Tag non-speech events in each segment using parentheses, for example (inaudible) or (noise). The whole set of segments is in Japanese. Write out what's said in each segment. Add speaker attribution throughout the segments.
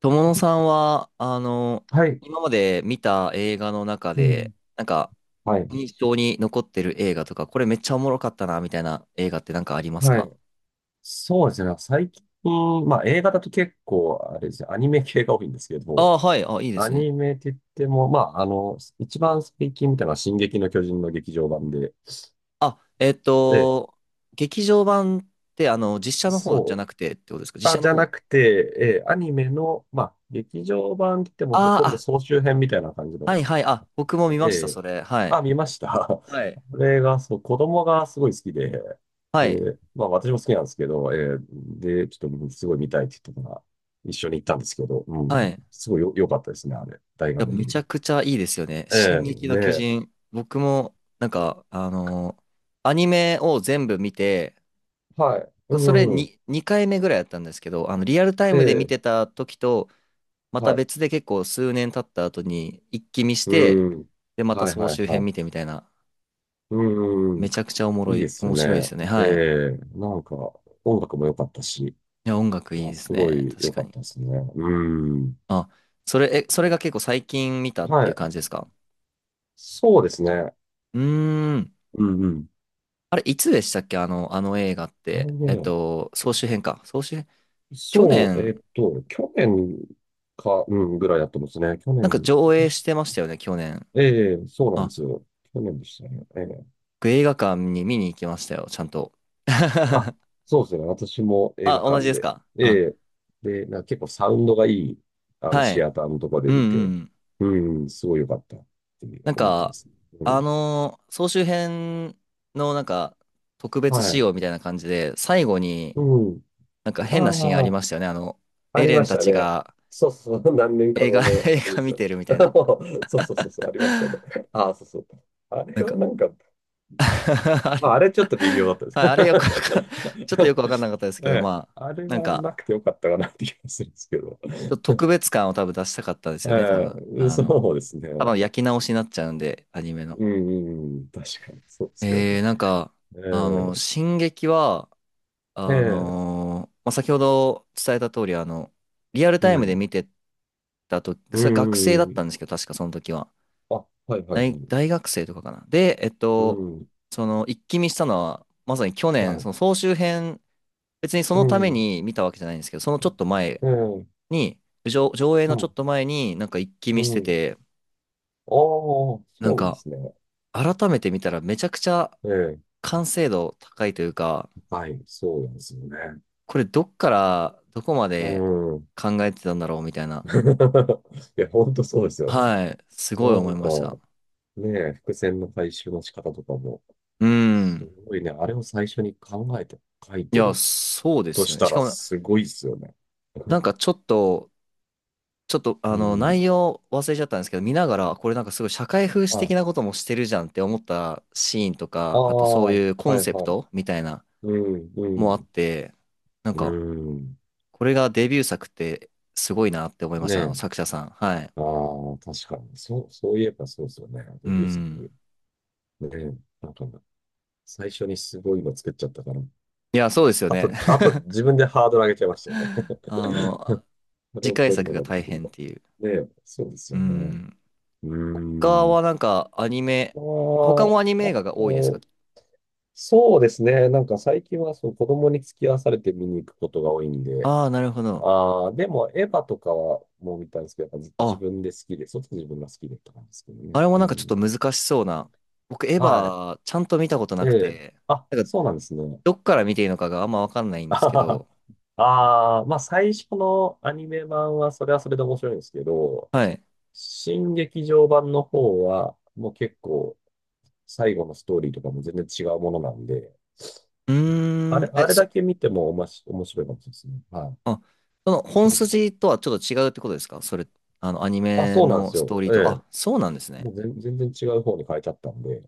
Speaker 1: 友野さんは、
Speaker 2: はい。
Speaker 1: 今まで見た映画の中
Speaker 2: うん。
Speaker 1: で、なんか、
Speaker 2: はい。
Speaker 1: 印象に残ってる映画とか、これめっちゃおもろかったな、みたいな映画ってなんかあります
Speaker 2: は
Speaker 1: か？
Speaker 2: い。そうですね。最近、映画だと結構、あれですね、アニメ系が多いんですけ
Speaker 1: あ
Speaker 2: ど、
Speaker 1: あー、はい。あ、いいで
Speaker 2: ア
Speaker 1: すね。
Speaker 2: ニメって言っても、一番最近見たのは進撃の巨人の劇場版で、
Speaker 1: あ、
Speaker 2: え
Speaker 1: 劇場版って、実写
Speaker 2: え、
Speaker 1: の方じゃ
Speaker 2: そ
Speaker 1: なくてってことですか？
Speaker 2: う、
Speaker 1: 実写
Speaker 2: じ
Speaker 1: の
Speaker 2: ゃ
Speaker 1: 方。
Speaker 2: なくて、ええ、アニメの、劇場版って言っても
Speaker 1: あ
Speaker 2: ほと
Speaker 1: ー
Speaker 2: んど
Speaker 1: あ、
Speaker 2: 総集編みたいな感じ
Speaker 1: は
Speaker 2: の
Speaker 1: いはい。あ、僕も
Speaker 2: で
Speaker 1: 見ました、
Speaker 2: え。
Speaker 1: それ。はい。
Speaker 2: あ、見ました。
Speaker 1: はい。
Speaker 2: (laughs) これが、そう、子供がすごい好きで、
Speaker 1: はい。
Speaker 2: で、私も好きなんですけど、ええ、で、ちょっとすごい見たいって言ったから、一緒に行ったんですけど、う
Speaker 1: はい。
Speaker 2: ん、
Speaker 1: い
Speaker 2: すごいよ、良かったですね、あれ。大学
Speaker 1: や、
Speaker 2: の
Speaker 1: め
Speaker 2: 見
Speaker 1: ち
Speaker 2: れ
Speaker 1: ゃ
Speaker 2: て。
Speaker 1: くちゃいいですよね。進
Speaker 2: ええ、
Speaker 1: 撃の
Speaker 2: ね
Speaker 1: 巨
Speaker 2: え。
Speaker 1: 人。僕も、なんか、アニメを全部見て、
Speaker 2: はい。
Speaker 1: それ
Speaker 2: うん、
Speaker 1: に2回目ぐらいやったんですけど、リアルタイ
Speaker 2: え
Speaker 1: ムで見
Speaker 2: え、
Speaker 1: てた時と、また
Speaker 2: はい。
Speaker 1: 別で結構数年経った後に一気見し
Speaker 2: う
Speaker 1: て、
Speaker 2: ん。
Speaker 1: で、また
Speaker 2: はい
Speaker 1: 総
Speaker 2: はい
Speaker 1: 集
Speaker 2: は
Speaker 1: 編
Speaker 2: い。
Speaker 1: 見てみたいな、
Speaker 2: う
Speaker 1: め
Speaker 2: ん。
Speaker 1: ちゃくちゃおも
Speaker 2: い
Speaker 1: ろ
Speaker 2: いで
Speaker 1: い、
Speaker 2: すよ
Speaker 1: 面白いです
Speaker 2: ね。
Speaker 1: よね。はい。い
Speaker 2: なんか、音楽も良かったし、い
Speaker 1: や、音楽いい
Speaker 2: や、
Speaker 1: です
Speaker 2: すご
Speaker 1: ね。
Speaker 2: い
Speaker 1: 確
Speaker 2: 良
Speaker 1: か
Speaker 2: かっ
Speaker 1: に。
Speaker 2: たですね。うん。
Speaker 1: あ、それが結構最近見たって
Speaker 2: は
Speaker 1: いう
Speaker 2: い。
Speaker 1: 感じですか？
Speaker 2: そうですね。
Speaker 1: うーん。
Speaker 2: うんうん。
Speaker 1: あれ、いつでしたっけ？あの映画っ
Speaker 2: あの
Speaker 1: て。
Speaker 2: ね、き
Speaker 1: 総集編か。総集編。去
Speaker 2: そう、
Speaker 1: 年、
Speaker 2: 去年か、うん、ぐらいだったんですね。去
Speaker 1: なん
Speaker 2: 年、
Speaker 1: か
Speaker 2: 今
Speaker 1: 上映し
Speaker 2: 年。
Speaker 1: てましたよね、去年。
Speaker 2: ええ、そうなんで
Speaker 1: あ、
Speaker 2: すよ。去年でしたね。ええ。
Speaker 1: 僕映画館に見に行きましたよ、ちゃんと。
Speaker 2: あ、
Speaker 1: (laughs)
Speaker 2: そうですね。私も映
Speaker 1: あ、
Speaker 2: 画
Speaker 1: 同じ
Speaker 2: 館
Speaker 1: です
Speaker 2: で。
Speaker 1: か？
Speaker 2: え
Speaker 1: あ、
Speaker 2: え、で、なんか結構サウンドがいい、
Speaker 1: は
Speaker 2: シ
Speaker 1: い。
Speaker 2: アターのとこで
Speaker 1: うん
Speaker 2: 見
Speaker 1: う
Speaker 2: て、
Speaker 1: ん。
Speaker 2: うん、すごい良かったって
Speaker 1: なん
Speaker 2: 思ってま
Speaker 1: か、
Speaker 2: す。うん。
Speaker 1: 総集編のなんか、特別
Speaker 2: は
Speaker 1: 仕
Speaker 2: い。
Speaker 1: 様みたいな感じで、最後に
Speaker 2: うん。
Speaker 1: なんか変なシーンあ
Speaker 2: あ
Speaker 1: り
Speaker 2: あ、
Speaker 1: ましたよね。
Speaker 2: あ
Speaker 1: エ
Speaker 2: り
Speaker 1: レ
Speaker 2: ま
Speaker 1: ン
Speaker 2: し
Speaker 1: た
Speaker 2: た
Speaker 1: ち
Speaker 2: ね。
Speaker 1: が
Speaker 2: そうそう、(laughs) 何年か
Speaker 1: 映
Speaker 2: 後
Speaker 1: 画、(laughs)
Speaker 2: の
Speaker 1: 映
Speaker 2: あれで
Speaker 1: 画
Speaker 2: す
Speaker 1: 見
Speaker 2: よ。
Speaker 1: てるみたいな。
Speaker 2: (laughs) そうそうそうそう、ありましたね。ああ、そうそう。あれ
Speaker 1: なん
Speaker 2: は
Speaker 1: か
Speaker 2: なんか、
Speaker 1: (laughs) あれ、
Speaker 2: あれちょっと微妙だった
Speaker 1: はい、あれよくわ
Speaker 2: で
Speaker 1: かん、ちょっとよくわかんな
Speaker 2: す。
Speaker 1: かったです
Speaker 2: (laughs)
Speaker 1: け
Speaker 2: え
Speaker 1: ど、
Speaker 2: え、
Speaker 1: まあ、
Speaker 2: あれ
Speaker 1: なん
Speaker 2: はな
Speaker 1: か、
Speaker 2: くてよかったかなって気がするんですけど。(laughs)
Speaker 1: ちょっと特別感を多分出したかったです
Speaker 2: え
Speaker 1: よね、多分。
Speaker 2: え、そうです
Speaker 1: 多
Speaker 2: ね。
Speaker 1: 分焼き直しになっちゃうんで、アニメの。
Speaker 2: うん、うんうん、確かにそうですけどね。
Speaker 1: なんか、
Speaker 2: え
Speaker 1: 進撃は、
Speaker 2: え、ええ、
Speaker 1: まあ、先ほど伝えた通り、リアル
Speaker 2: う
Speaker 1: タイムで
Speaker 2: ん、
Speaker 1: 見てたとき、
Speaker 2: う
Speaker 1: それ学生だ
Speaker 2: ん、
Speaker 1: っ
Speaker 2: うん。
Speaker 1: たんですけど、確かその時は。
Speaker 2: あ、はい、はい、
Speaker 1: 大、
Speaker 2: はい。
Speaker 1: 大学生とかかな。で、
Speaker 2: うん、
Speaker 1: その、一気見したのは、まさに去
Speaker 2: は
Speaker 1: 年、そ
Speaker 2: い、
Speaker 1: の総集編、別にそ
Speaker 2: う
Speaker 1: のため
Speaker 2: ん、
Speaker 1: に見たわけじゃないんですけど、そのちょっと前
Speaker 2: ええ、
Speaker 1: に、上映
Speaker 2: う
Speaker 1: のちょ
Speaker 2: ん、
Speaker 1: っと前に、なんか一気
Speaker 2: う
Speaker 1: 見して
Speaker 2: ん。
Speaker 1: て、
Speaker 2: ああ、そ
Speaker 1: なん
Speaker 2: うなんで
Speaker 1: か、
Speaker 2: すね。
Speaker 1: 改めて見たらめちゃくちゃ
Speaker 2: ええ、
Speaker 1: 完成度高いというか、
Speaker 2: はい、そうなんですよね。
Speaker 1: これどっからどこま
Speaker 2: う
Speaker 1: で
Speaker 2: ん。
Speaker 1: 考えてたんだろうみたいな。
Speaker 2: (laughs) いや、ほんとそうですよね。な
Speaker 1: はい。すごい思い
Speaker 2: んか、
Speaker 1: ました。
Speaker 2: ねえ、伏線の回収の仕方とかも、
Speaker 1: う
Speaker 2: す
Speaker 1: ん。
Speaker 2: ごいね、あれを最初に考えて書い
Speaker 1: い
Speaker 2: て
Speaker 1: や、
Speaker 2: る
Speaker 1: そうで
Speaker 2: と
Speaker 1: すよ
Speaker 2: し
Speaker 1: ね。
Speaker 2: た
Speaker 1: しか
Speaker 2: ら、
Speaker 1: も、
Speaker 2: すごいですよね。
Speaker 1: なんかちょっと、ちょっと、
Speaker 2: う
Speaker 1: 内
Speaker 2: ん。
Speaker 1: 容忘れちゃったんですけど、見ながら、これなんかすごい社会風刺
Speaker 2: は
Speaker 1: 的
Speaker 2: い。
Speaker 1: なこともしてるじゃんって思ったシーンと
Speaker 2: あ
Speaker 1: か、あとそう
Speaker 2: あ、は
Speaker 1: いうコ
Speaker 2: い
Speaker 1: ンセプ
Speaker 2: はい。
Speaker 1: トみたいな
Speaker 2: うん、う
Speaker 1: もあっ
Speaker 2: ん、
Speaker 1: て、なん
Speaker 2: う
Speaker 1: か、
Speaker 2: ん。
Speaker 1: これがデビュー作ってすごいなって思いまし
Speaker 2: ね
Speaker 1: た。あの
Speaker 2: え。
Speaker 1: 作者さん。はい。
Speaker 2: ああ、確かに。そう、そういえばそうですよね。
Speaker 1: う
Speaker 2: デビュー作。
Speaker 1: ん。
Speaker 2: ねえ。なんか、最初にすごいの作っちゃったから。
Speaker 1: いや、そうですよ
Speaker 2: あ
Speaker 1: ね。
Speaker 2: と、あと自分でハードル上げちゃいましたよね。
Speaker 1: (laughs) あ
Speaker 2: (laughs)
Speaker 1: の、
Speaker 2: それ
Speaker 1: 次
Speaker 2: を
Speaker 1: 回
Speaker 2: 超える
Speaker 1: 作
Speaker 2: の
Speaker 1: が
Speaker 2: が出
Speaker 1: 大
Speaker 2: てくる
Speaker 1: 変っ
Speaker 2: か。
Speaker 1: ていう。
Speaker 2: ねえ、そうです
Speaker 1: う
Speaker 2: よね。
Speaker 1: ん。
Speaker 2: うー
Speaker 1: 他
Speaker 2: ん。
Speaker 1: はなんかアニメ、他
Speaker 2: あ
Speaker 1: もアニメ
Speaker 2: あ、
Speaker 1: 映
Speaker 2: あ
Speaker 1: 画が多いですか？
Speaker 2: と、そうですね。なんか最近はその子供に付き合わされて見に行くことが多いんで、
Speaker 1: ああー、なるほど。
Speaker 2: ああ、でもエヴァとかはもう見たんですけど、やっぱ自自
Speaker 1: あ、
Speaker 2: 分で好きで、そっち自分が好きでとかなんですけど
Speaker 1: あ
Speaker 2: ね。
Speaker 1: れも
Speaker 2: う
Speaker 1: なんかちょっと
Speaker 2: ん。
Speaker 1: 難しそうな。僕、エヴ
Speaker 2: はい。
Speaker 1: ァ、ちゃんと見たことな
Speaker 2: え
Speaker 1: く
Speaker 2: え。
Speaker 1: て、
Speaker 2: あ、
Speaker 1: なんか、
Speaker 2: そうなんですね。
Speaker 1: どっから見ていいのかがあんまわかんない
Speaker 2: (laughs)
Speaker 1: ん
Speaker 2: あ
Speaker 1: です
Speaker 2: は
Speaker 1: け
Speaker 2: は。
Speaker 1: ど、
Speaker 2: はあー、最初のアニメ版はそれはそれで面白いんですけど、
Speaker 1: はい。
Speaker 2: 新劇場版の方は、もう結構、最後のストーリーとかも全然違うものなんで、
Speaker 1: うーん、
Speaker 2: あれだけ見てもおまし、面白いかもしれないですね。はい。
Speaker 1: あ、その
Speaker 2: そ
Speaker 1: 本
Speaker 2: う。
Speaker 1: 筋とはちょっと違うってことですか？それ、アニ
Speaker 2: あ、
Speaker 1: メ
Speaker 2: そうなんで
Speaker 1: の
Speaker 2: す
Speaker 1: ストー
Speaker 2: よ。
Speaker 1: リー
Speaker 2: え
Speaker 1: と。あ、
Speaker 2: え。
Speaker 1: そうなんですね。
Speaker 2: もう全然違う方に変えちゃったんで、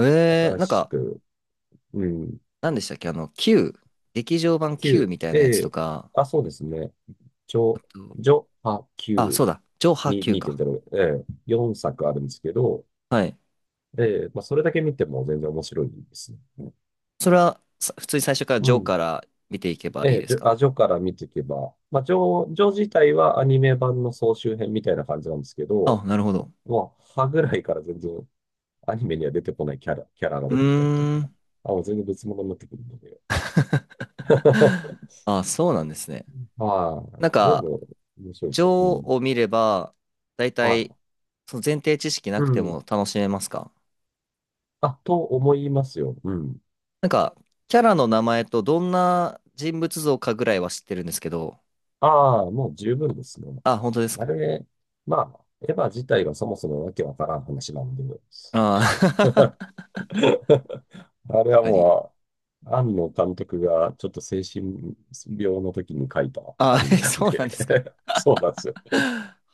Speaker 2: 新
Speaker 1: なん
Speaker 2: し
Speaker 1: か、
Speaker 2: く、うん、
Speaker 1: 何でしたっけ？Q、劇場版 Q みたい
Speaker 2: 9、
Speaker 1: なや
Speaker 2: え
Speaker 1: つと
Speaker 2: え、
Speaker 1: か、
Speaker 2: あ、そうですね。ち
Speaker 1: あ
Speaker 2: ょ、
Speaker 1: と、
Speaker 2: ジョ、ハ、
Speaker 1: あ、そ
Speaker 2: 9、
Speaker 1: うだ、ジョーハー
Speaker 2: に
Speaker 1: Q か。
Speaker 2: 2.0、ええ、4作あるんですけど、
Speaker 1: はい。
Speaker 2: ええ、それだけ見ても全然面白いですね。
Speaker 1: それは、普通に最初からジ
Speaker 2: う
Speaker 1: ョー
Speaker 2: ん。
Speaker 1: から見ていけば
Speaker 2: え
Speaker 1: いい
Speaker 2: え、
Speaker 1: ですか？
Speaker 2: ジョから見ていけば、ジョ、ジョ自体はアニメ版の総集編みたいな感じなんですけ
Speaker 1: あ、
Speaker 2: ど、
Speaker 1: なるほど。
Speaker 2: もう、歯ぐらいから全然アニメには出てこないキャラが
Speaker 1: う
Speaker 2: 出てきたりと
Speaker 1: ー
Speaker 2: か、
Speaker 1: ん。
Speaker 2: あ、もう全然別物になってくるので。(laughs)
Speaker 1: (laughs) あ、そうなんですね。
Speaker 2: は
Speaker 1: なん
Speaker 2: い。で
Speaker 1: か、
Speaker 2: も、面白いで
Speaker 1: ジ
Speaker 2: す
Speaker 1: ョー
Speaker 2: よ。うん。
Speaker 1: を見れば、大
Speaker 2: は
Speaker 1: 体、
Speaker 2: い。
Speaker 1: その前提知識な
Speaker 2: う
Speaker 1: くて
Speaker 2: ん。
Speaker 1: も楽しめますか？
Speaker 2: あ、と思いますよ。うん。
Speaker 1: なんか、キャラの名前とどんな人物像かぐらいは知ってるんですけど、
Speaker 2: ああ、もう十分ですね。
Speaker 1: あ、本当です
Speaker 2: あ
Speaker 1: か？
Speaker 2: れ、エヴァ自体がそもそもわけわからん話なんで、
Speaker 1: ああー、(laughs)
Speaker 2: (laughs) あれ
Speaker 1: 確
Speaker 2: は
Speaker 1: かに。
Speaker 2: もう、庵野監督がちょっと精神病の時に書いたア
Speaker 1: あ、
Speaker 2: ニ
Speaker 1: (laughs)
Speaker 2: メなん
Speaker 1: そうなん
Speaker 2: で、
Speaker 1: ですか。
Speaker 2: (laughs) そうなんですよ。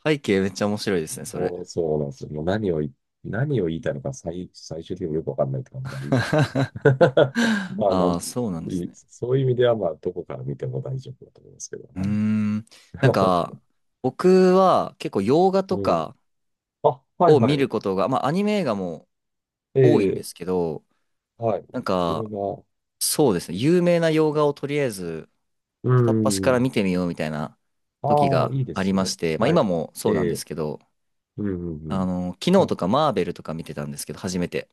Speaker 1: 背景めっちゃ面白いですね、それ。
Speaker 2: もうそうなんですよ。もう何をい、何を言いたいのか最終的によくわかんないって感じなんで。
Speaker 1: (laughs)
Speaker 2: (laughs) まあなん、
Speaker 1: ああ、そうなんですね。
Speaker 2: そういう意味では、どこから見ても大丈夫だと思いますけど。
Speaker 1: うー
Speaker 2: はい。
Speaker 1: ん。なんか、
Speaker 2: (laughs)
Speaker 1: 僕は結構洋画と
Speaker 2: うん。
Speaker 1: か
Speaker 2: あ、はい
Speaker 1: を見
Speaker 2: はい。
Speaker 1: ることが、まあアニメ映画も多いんで
Speaker 2: え
Speaker 1: す
Speaker 2: え、
Speaker 1: けど、
Speaker 2: はい。
Speaker 1: なん
Speaker 2: 洋
Speaker 1: か、
Speaker 2: 画。
Speaker 1: そうですね、有名な洋画をとりあえず
Speaker 2: う
Speaker 1: 片っ端から
Speaker 2: ん。
Speaker 1: 見てみようみたいな時
Speaker 2: ああ、
Speaker 1: が
Speaker 2: いいで
Speaker 1: あり
Speaker 2: す
Speaker 1: ま
Speaker 2: ね。
Speaker 1: して、まあ
Speaker 2: は
Speaker 1: 今
Speaker 2: い。
Speaker 1: もそうなん
Speaker 2: え
Speaker 1: で
Speaker 2: え、
Speaker 1: すけど、
Speaker 2: うんうんうん。
Speaker 1: 昨
Speaker 2: な
Speaker 1: 日
Speaker 2: ん
Speaker 1: と
Speaker 2: か、
Speaker 1: かマーベルとか見てたんですけど、初めて。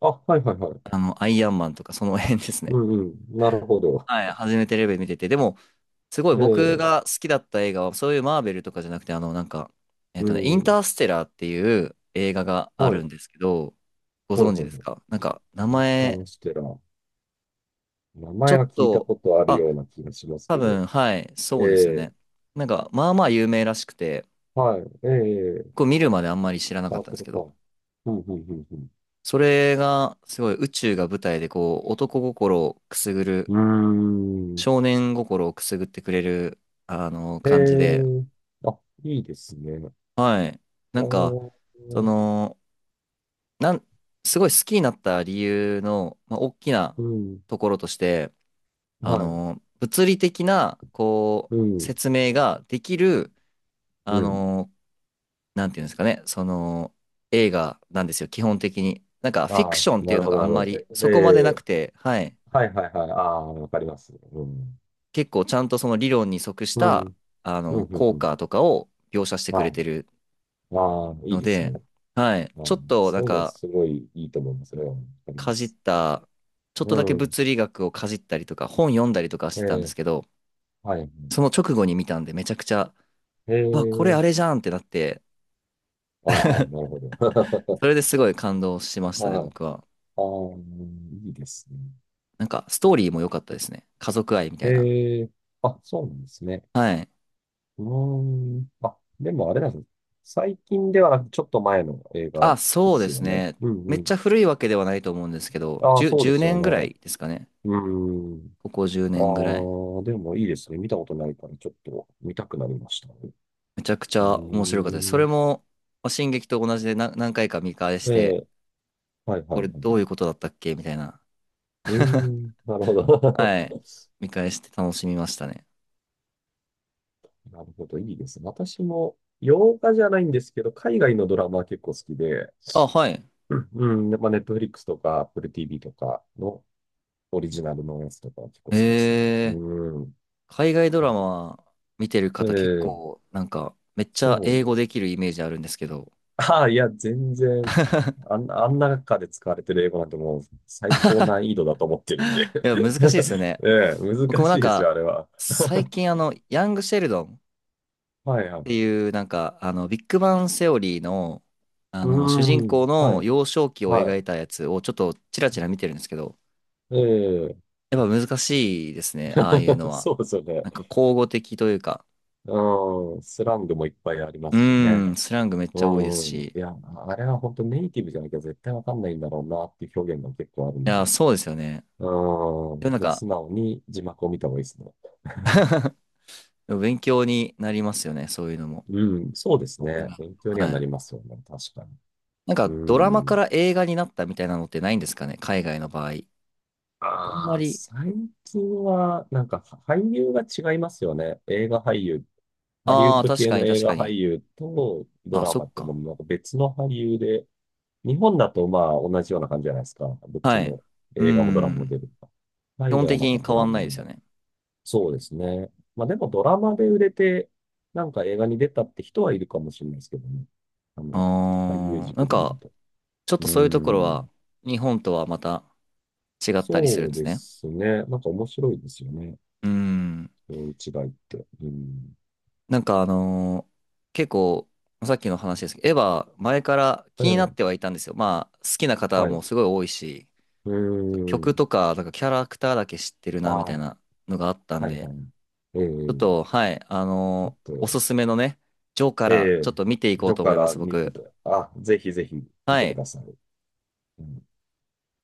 Speaker 2: あ、はいはいはい。
Speaker 1: アイアンマンとかその辺ですね。
Speaker 2: うんうん。なるほど。
Speaker 1: はい、初めてレベル見てて、でも、すごい
Speaker 2: え
Speaker 1: 僕
Speaker 2: え、
Speaker 1: が好きだった映画は、そういうマーベルとかじゃなくて、なんか、
Speaker 2: う
Speaker 1: イン
Speaker 2: ん。
Speaker 1: ターステラーっていう映画があ
Speaker 2: は
Speaker 1: る
Speaker 2: い。
Speaker 1: んですけど、ご
Speaker 2: はい
Speaker 1: 存
Speaker 2: は
Speaker 1: 知
Speaker 2: い
Speaker 1: で
Speaker 2: は
Speaker 1: す
Speaker 2: い。
Speaker 1: か？なんか、名
Speaker 2: ニター
Speaker 1: 前、
Speaker 2: ンステラー。名
Speaker 1: ちょ
Speaker 2: 前
Speaker 1: っ
Speaker 2: は聞いた
Speaker 1: と、
Speaker 2: ことある
Speaker 1: あ、
Speaker 2: ような気がします
Speaker 1: 多
Speaker 2: けど。
Speaker 1: 分、はい、
Speaker 2: え
Speaker 1: そうです
Speaker 2: え、
Speaker 1: ね。なんか、まあまあ有名らしくて、
Speaker 2: はい。ええ、
Speaker 1: こう見るまであんまり知らな
Speaker 2: あ、
Speaker 1: かったん
Speaker 2: こ
Speaker 1: です
Speaker 2: れ
Speaker 1: け
Speaker 2: か。
Speaker 1: ど、
Speaker 2: うんうんうん。
Speaker 1: それが、すごい宇宙が舞台で、こう、男心をくすぐる、
Speaker 2: うん。うーん。
Speaker 1: 少年心をくすぐってくれる、
Speaker 2: え
Speaker 1: 感じで、
Speaker 2: え、あ、いいですね。
Speaker 1: はい。
Speaker 2: あ
Speaker 1: なんか、
Speaker 2: ー、
Speaker 1: その、なん、すごい好きになった理由の、まあ、大きな
Speaker 2: うん。
Speaker 1: ところとして、
Speaker 2: はい。
Speaker 1: 物理的な、こ
Speaker 2: う
Speaker 1: う、
Speaker 2: ん。
Speaker 1: 説明ができる、あ
Speaker 2: うん。
Speaker 1: の、なんていうんですかね、その、映画なんですよ、基本的に。なんか、フィ
Speaker 2: あ
Speaker 1: ク
Speaker 2: あ、
Speaker 1: ションってい
Speaker 2: な
Speaker 1: う
Speaker 2: る
Speaker 1: の
Speaker 2: ほ
Speaker 1: が
Speaker 2: ど
Speaker 1: あ
Speaker 2: な
Speaker 1: ん
Speaker 2: る
Speaker 1: ま
Speaker 2: ほ
Speaker 1: り、
Speaker 2: ど。
Speaker 1: そこまで
Speaker 2: え
Speaker 1: なく
Speaker 2: え、
Speaker 1: て、はい。
Speaker 2: はいはいはい。ああ、わかります。うん。
Speaker 1: 結構、ちゃんとその理論に即し
Speaker 2: うん。う
Speaker 1: た、
Speaker 2: んうん
Speaker 1: 効
Speaker 2: うん。
Speaker 1: 果とかを描写してく
Speaker 2: は
Speaker 1: れ
Speaker 2: い。
Speaker 1: てる
Speaker 2: ああ、いい
Speaker 1: の
Speaker 2: ですね。
Speaker 1: で、はい。
Speaker 2: あー、
Speaker 1: ちょっと、な
Speaker 2: そ
Speaker 1: ん
Speaker 2: ういうのは
Speaker 1: か、
Speaker 2: すごいいいと思います。それはわかりま
Speaker 1: かじっ
Speaker 2: す。
Speaker 1: た、ちょっと
Speaker 2: う
Speaker 1: だけ
Speaker 2: ん。
Speaker 1: 物理学をかじったりとか、本読んだりとかし
Speaker 2: え
Speaker 1: てたんで
Speaker 2: ー、
Speaker 1: すけど、
Speaker 2: はい。
Speaker 1: その直後に見たんで、めちゃくちゃ、
Speaker 2: え
Speaker 1: うわ、これ
Speaker 2: ー、
Speaker 1: あれじゃんってなって、
Speaker 2: ああ、なるほど。
Speaker 1: それですごい感動しま
Speaker 2: (laughs)
Speaker 1: したね、
Speaker 2: はい。
Speaker 1: 僕は。
Speaker 2: ああ、いいですね。
Speaker 1: なんか、ストーリーも良かったですね。家族愛みた
Speaker 2: え
Speaker 1: いな。
Speaker 2: ー、あ、そうなんですね。
Speaker 1: はい。
Speaker 2: うーん。あ、でもあれなんですね。最近ではなく、ちょっと前の映画
Speaker 1: あ、
Speaker 2: で
Speaker 1: そうで
Speaker 2: す
Speaker 1: す
Speaker 2: よね。
Speaker 1: ね。
Speaker 2: う
Speaker 1: め
Speaker 2: んう
Speaker 1: っち
Speaker 2: ん。
Speaker 1: ゃ古いわけではないと思うんですけど、
Speaker 2: ああ、そうで
Speaker 1: 10、
Speaker 2: すよ
Speaker 1: 年ぐら
Speaker 2: ね。
Speaker 1: いですかね。
Speaker 2: うーん。
Speaker 1: ここ10
Speaker 2: あ
Speaker 1: 年ぐらい。
Speaker 2: あ、でもいいですね。見たことないから、ちょっと見たくなりました。う
Speaker 1: めちゃくち
Speaker 2: ー
Speaker 1: ゃ面白かったです。それ
Speaker 2: ん。
Speaker 1: も、まあ進撃と同じでな何回か見返し
Speaker 2: え
Speaker 1: て、
Speaker 2: え、はいはい
Speaker 1: こ
Speaker 2: は
Speaker 1: れど
Speaker 2: い。
Speaker 1: ういうことだったっけみたいな
Speaker 2: うー
Speaker 1: (laughs)
Speaker 2: ん、なるほど。
Speaker 1: はい。見返して楽しみましたね。
Speaker 2: (laughs) なるほど、いいですね。私も、洋画じゃないんですけど、海外のドラマは結構好きで、
Speaker 1: あ、はい。
Speaker 2: うん、うん、ネットフリックスとか、Apple TV とかのオリジナルのやつとかは結構好きですね。う
Speaker 1: えー、
Speaker 2: ん。
Speaker 1: 海外ド
Speaker 2: う
Speaker 1: ラ
Speaker 2: ん、
Speaker 1: マ見てる
Speaker 2: え
Speaker 1: 方結
Speaker 2: え、
Speaker 1: 構、なんか、めっちゃ
Speaker 2: そ
Speaker 1: 英語
Speaker 2: う。
Speaker 1: できるイメージあるんですけど。
Speaker 2: (laughs) ああ、いや、全然、
Speaker 1: (laughs)
Speaker 2: あんな中で使われてる英語なんてもう最高難易度だと思ってるんで。
Speaker 1: いや、難しいですよね。
Speaker 2: (laughs) ええ、
Speaker 1: 僕
Speaker 2: 難
Speaker 1: もな
Speaker 2: し
Speaker 1: ん
Speaker 2: いですよ、
Speaker 1: か、
Speaker 2: あれは。
Speaker 1: 最
Speaker 2: (laughs)
Speaker 1: 近ヤング・シェルドンっ
Speaker 2: はいはい。
Speaker 1: ていう、なんか、ビッグバン・セオリーの、
Speaker 2: う
Speaker 1: 主
Speaker 2: ー
Speaker 1: 人公
Speaker 2: ん、は
Speaker 1: の
Speaker 2: い。
Speaker 1: 幼少期を
Speaker 2: は
Speaker 1: 描
Speaker 2: い。
Speaker 1: いたやつをちょっとチラチラ見てるんですけど、
Speaker 2: ええ。
Speaker 1: やっぱ難しいですね、ああいうの
Speaker 2: (laughs)
Speaker 1: は。
Speaker 2: そうですよね。
Speaker 1: なんか、口語的というか、
Speaker 2: うん、スラングもいっぱいありま
Speaker 1: う
Speaker 2: すし
Speaker 1: ー
Speaker 2: ね。
Speaker 1: ん、スラングめっちゃ多いです
Speaker 2: う
Speaker 1: し。
Speaker 2: ん、
Speaker 1: い
Speaker 2: いや、あれは本当ネイティブじゃなきゃ絶対わかんないんだろうなっていう表現が結構あるんで。
Speaker 1: や、そうですよね。
Speaker 2: うん、も
Speaker 1: でもなん
Speaker 2: う
Speaker 1: か
Speaker 2: 素直に字幕を見た方がいいですね。(laughs)
Speaker 1: (laughs) でも勉強になりますよね、そういうのも。
Speaker 2: うん、そうです
Speaker 1: うん
Speaker 2: ね。勉強には
Speaker 1: は
Speaker 2: なり
Speaker 1: い。
Speaker 2: ますよね。確かに。
Speaker 1: なん
Speaker 2: う
Speaker 1: か、ドラマか
Speaker 2: ん。
Speaker 1: ら映画になったみたいなのってないんですかね、海外の場合。あんま
Speaker 2: ああ、
Speaker 1: り。
Speaker 2: 最近は、なんか俳優が違いますよね。映画俳優。ハリウ
Speaker 1: あ
Speaker 2: ッ
Speaker 1: あ、
Speaker 2: ド
Speaker 1: 確
Speaker 2: 系
Speaker 1: か
Speaker 2: の
Speaker 1: に
Speaker 2: 映
Speaker 1: 確か
Speaker 2: 画俳
Speaker 1: に。
Speaker 2: 優とド
Speaker 1: あ、
Speaker 2: ラ
Speaker 1: そ
Speaker 2: マ
Speaker 1: っ
Speaker 2: ってもう
Speaker 1: か。
Speaker 2: なんか別の俳優で、日本だとまあ同じような感じじゃないですか。どっち
Speaker 1: はい。
Speaker 2: も
Speaker 1: うー
Speaker 2: 映画もドラマも
Speaker 1: ん。
Speaker 2: 出るとか。
Speaker 1: 基
Speaker 2: 海
Speaker 1: 本
Speaker 2: 外は
Speaker 1: 的
Speaker 2: なん
Speaker 1: に
Speaker 2: かド
Speaker 1: 変わ
Speaker 2: ラ
Speaker 1: んな
Speaker 2: マ、
Speaker 1: いですよね。
Speaker 2: そうですね。まあでもドラマで売れて、なんか映画に出たって人はいるかもしれないですけどね。あの、俳優
Speaker 1: ああ、な
Speaker 2: 軸
Speaker 1: ん
Speaker 2: で見る
Speaker 1: か、
Speaker 2: と。
Speaker 1: ちょっ
Speaker 2: う
Speaker 1: と
Speaker 2: ー
Speaker 1: そういうところは、
Speaker 2: ん。
Speaker 1: 日本とはまた違ったりする
Speaker 2: そ
Speaker 1: ん
Speaker 2: う
Speaker 1: です
Speaker 2: で
Speaker 1: ね。
Speaker 2: すね。なんか面白いですよね。
Speaker 1: うーん。
Speaker 2: そういう違いって。うん。
Speaker 1: なんか結構、さっきの話ですけど、エヴァ、前から
Speaker 2: え
Speaker 1: 気になっ
Speaker 2: え、
Speaker 1: てはいたんですよ。まあ、好きな方
Speaker 2: はい。
Speaker 1: も
Speaker 2: う
Speaker 1: すごい多いし、
Speaker 2: ー
Speaker 1: 曲
Speaker 2: ん。
Speaker 1: とか、なんかキャラクターだけ知ってるな、み
Speaker 2: あ
Speaker 1: たい
Speaker 2: あ、
Speaker 1: なのがあったん
Speaker 2: はい
Speaker 1: で、
Speaker 2: はい。え
Speaker 1: ちょっ
Speaker 2: え、
Speaker 1: と、はい、
Speaker 2: ちょっ
Speaker 1: おす
Speaker 2: と、
Speaker 1: すめのね、ジョーか
Speaker 2: え
Speaker 1: らちょ
Speaker 2: え、
Speaker 1: っと見ていこう
Speaker 2: ど
Speaker 1: と
Speaker 2: こ
Speaker 1: 思
Speaker 2: か
Speaker 1: いま
Speaker 2: ら
Speaker 1: す、
Speaker 2: 見て
Speaker 1: 僕。
Speaker 2: た、あ、ぜひぜひ見
Speaker 1: は
Speaker 2: てく
Speaker 1: い。
Speaker 2: ださい。うん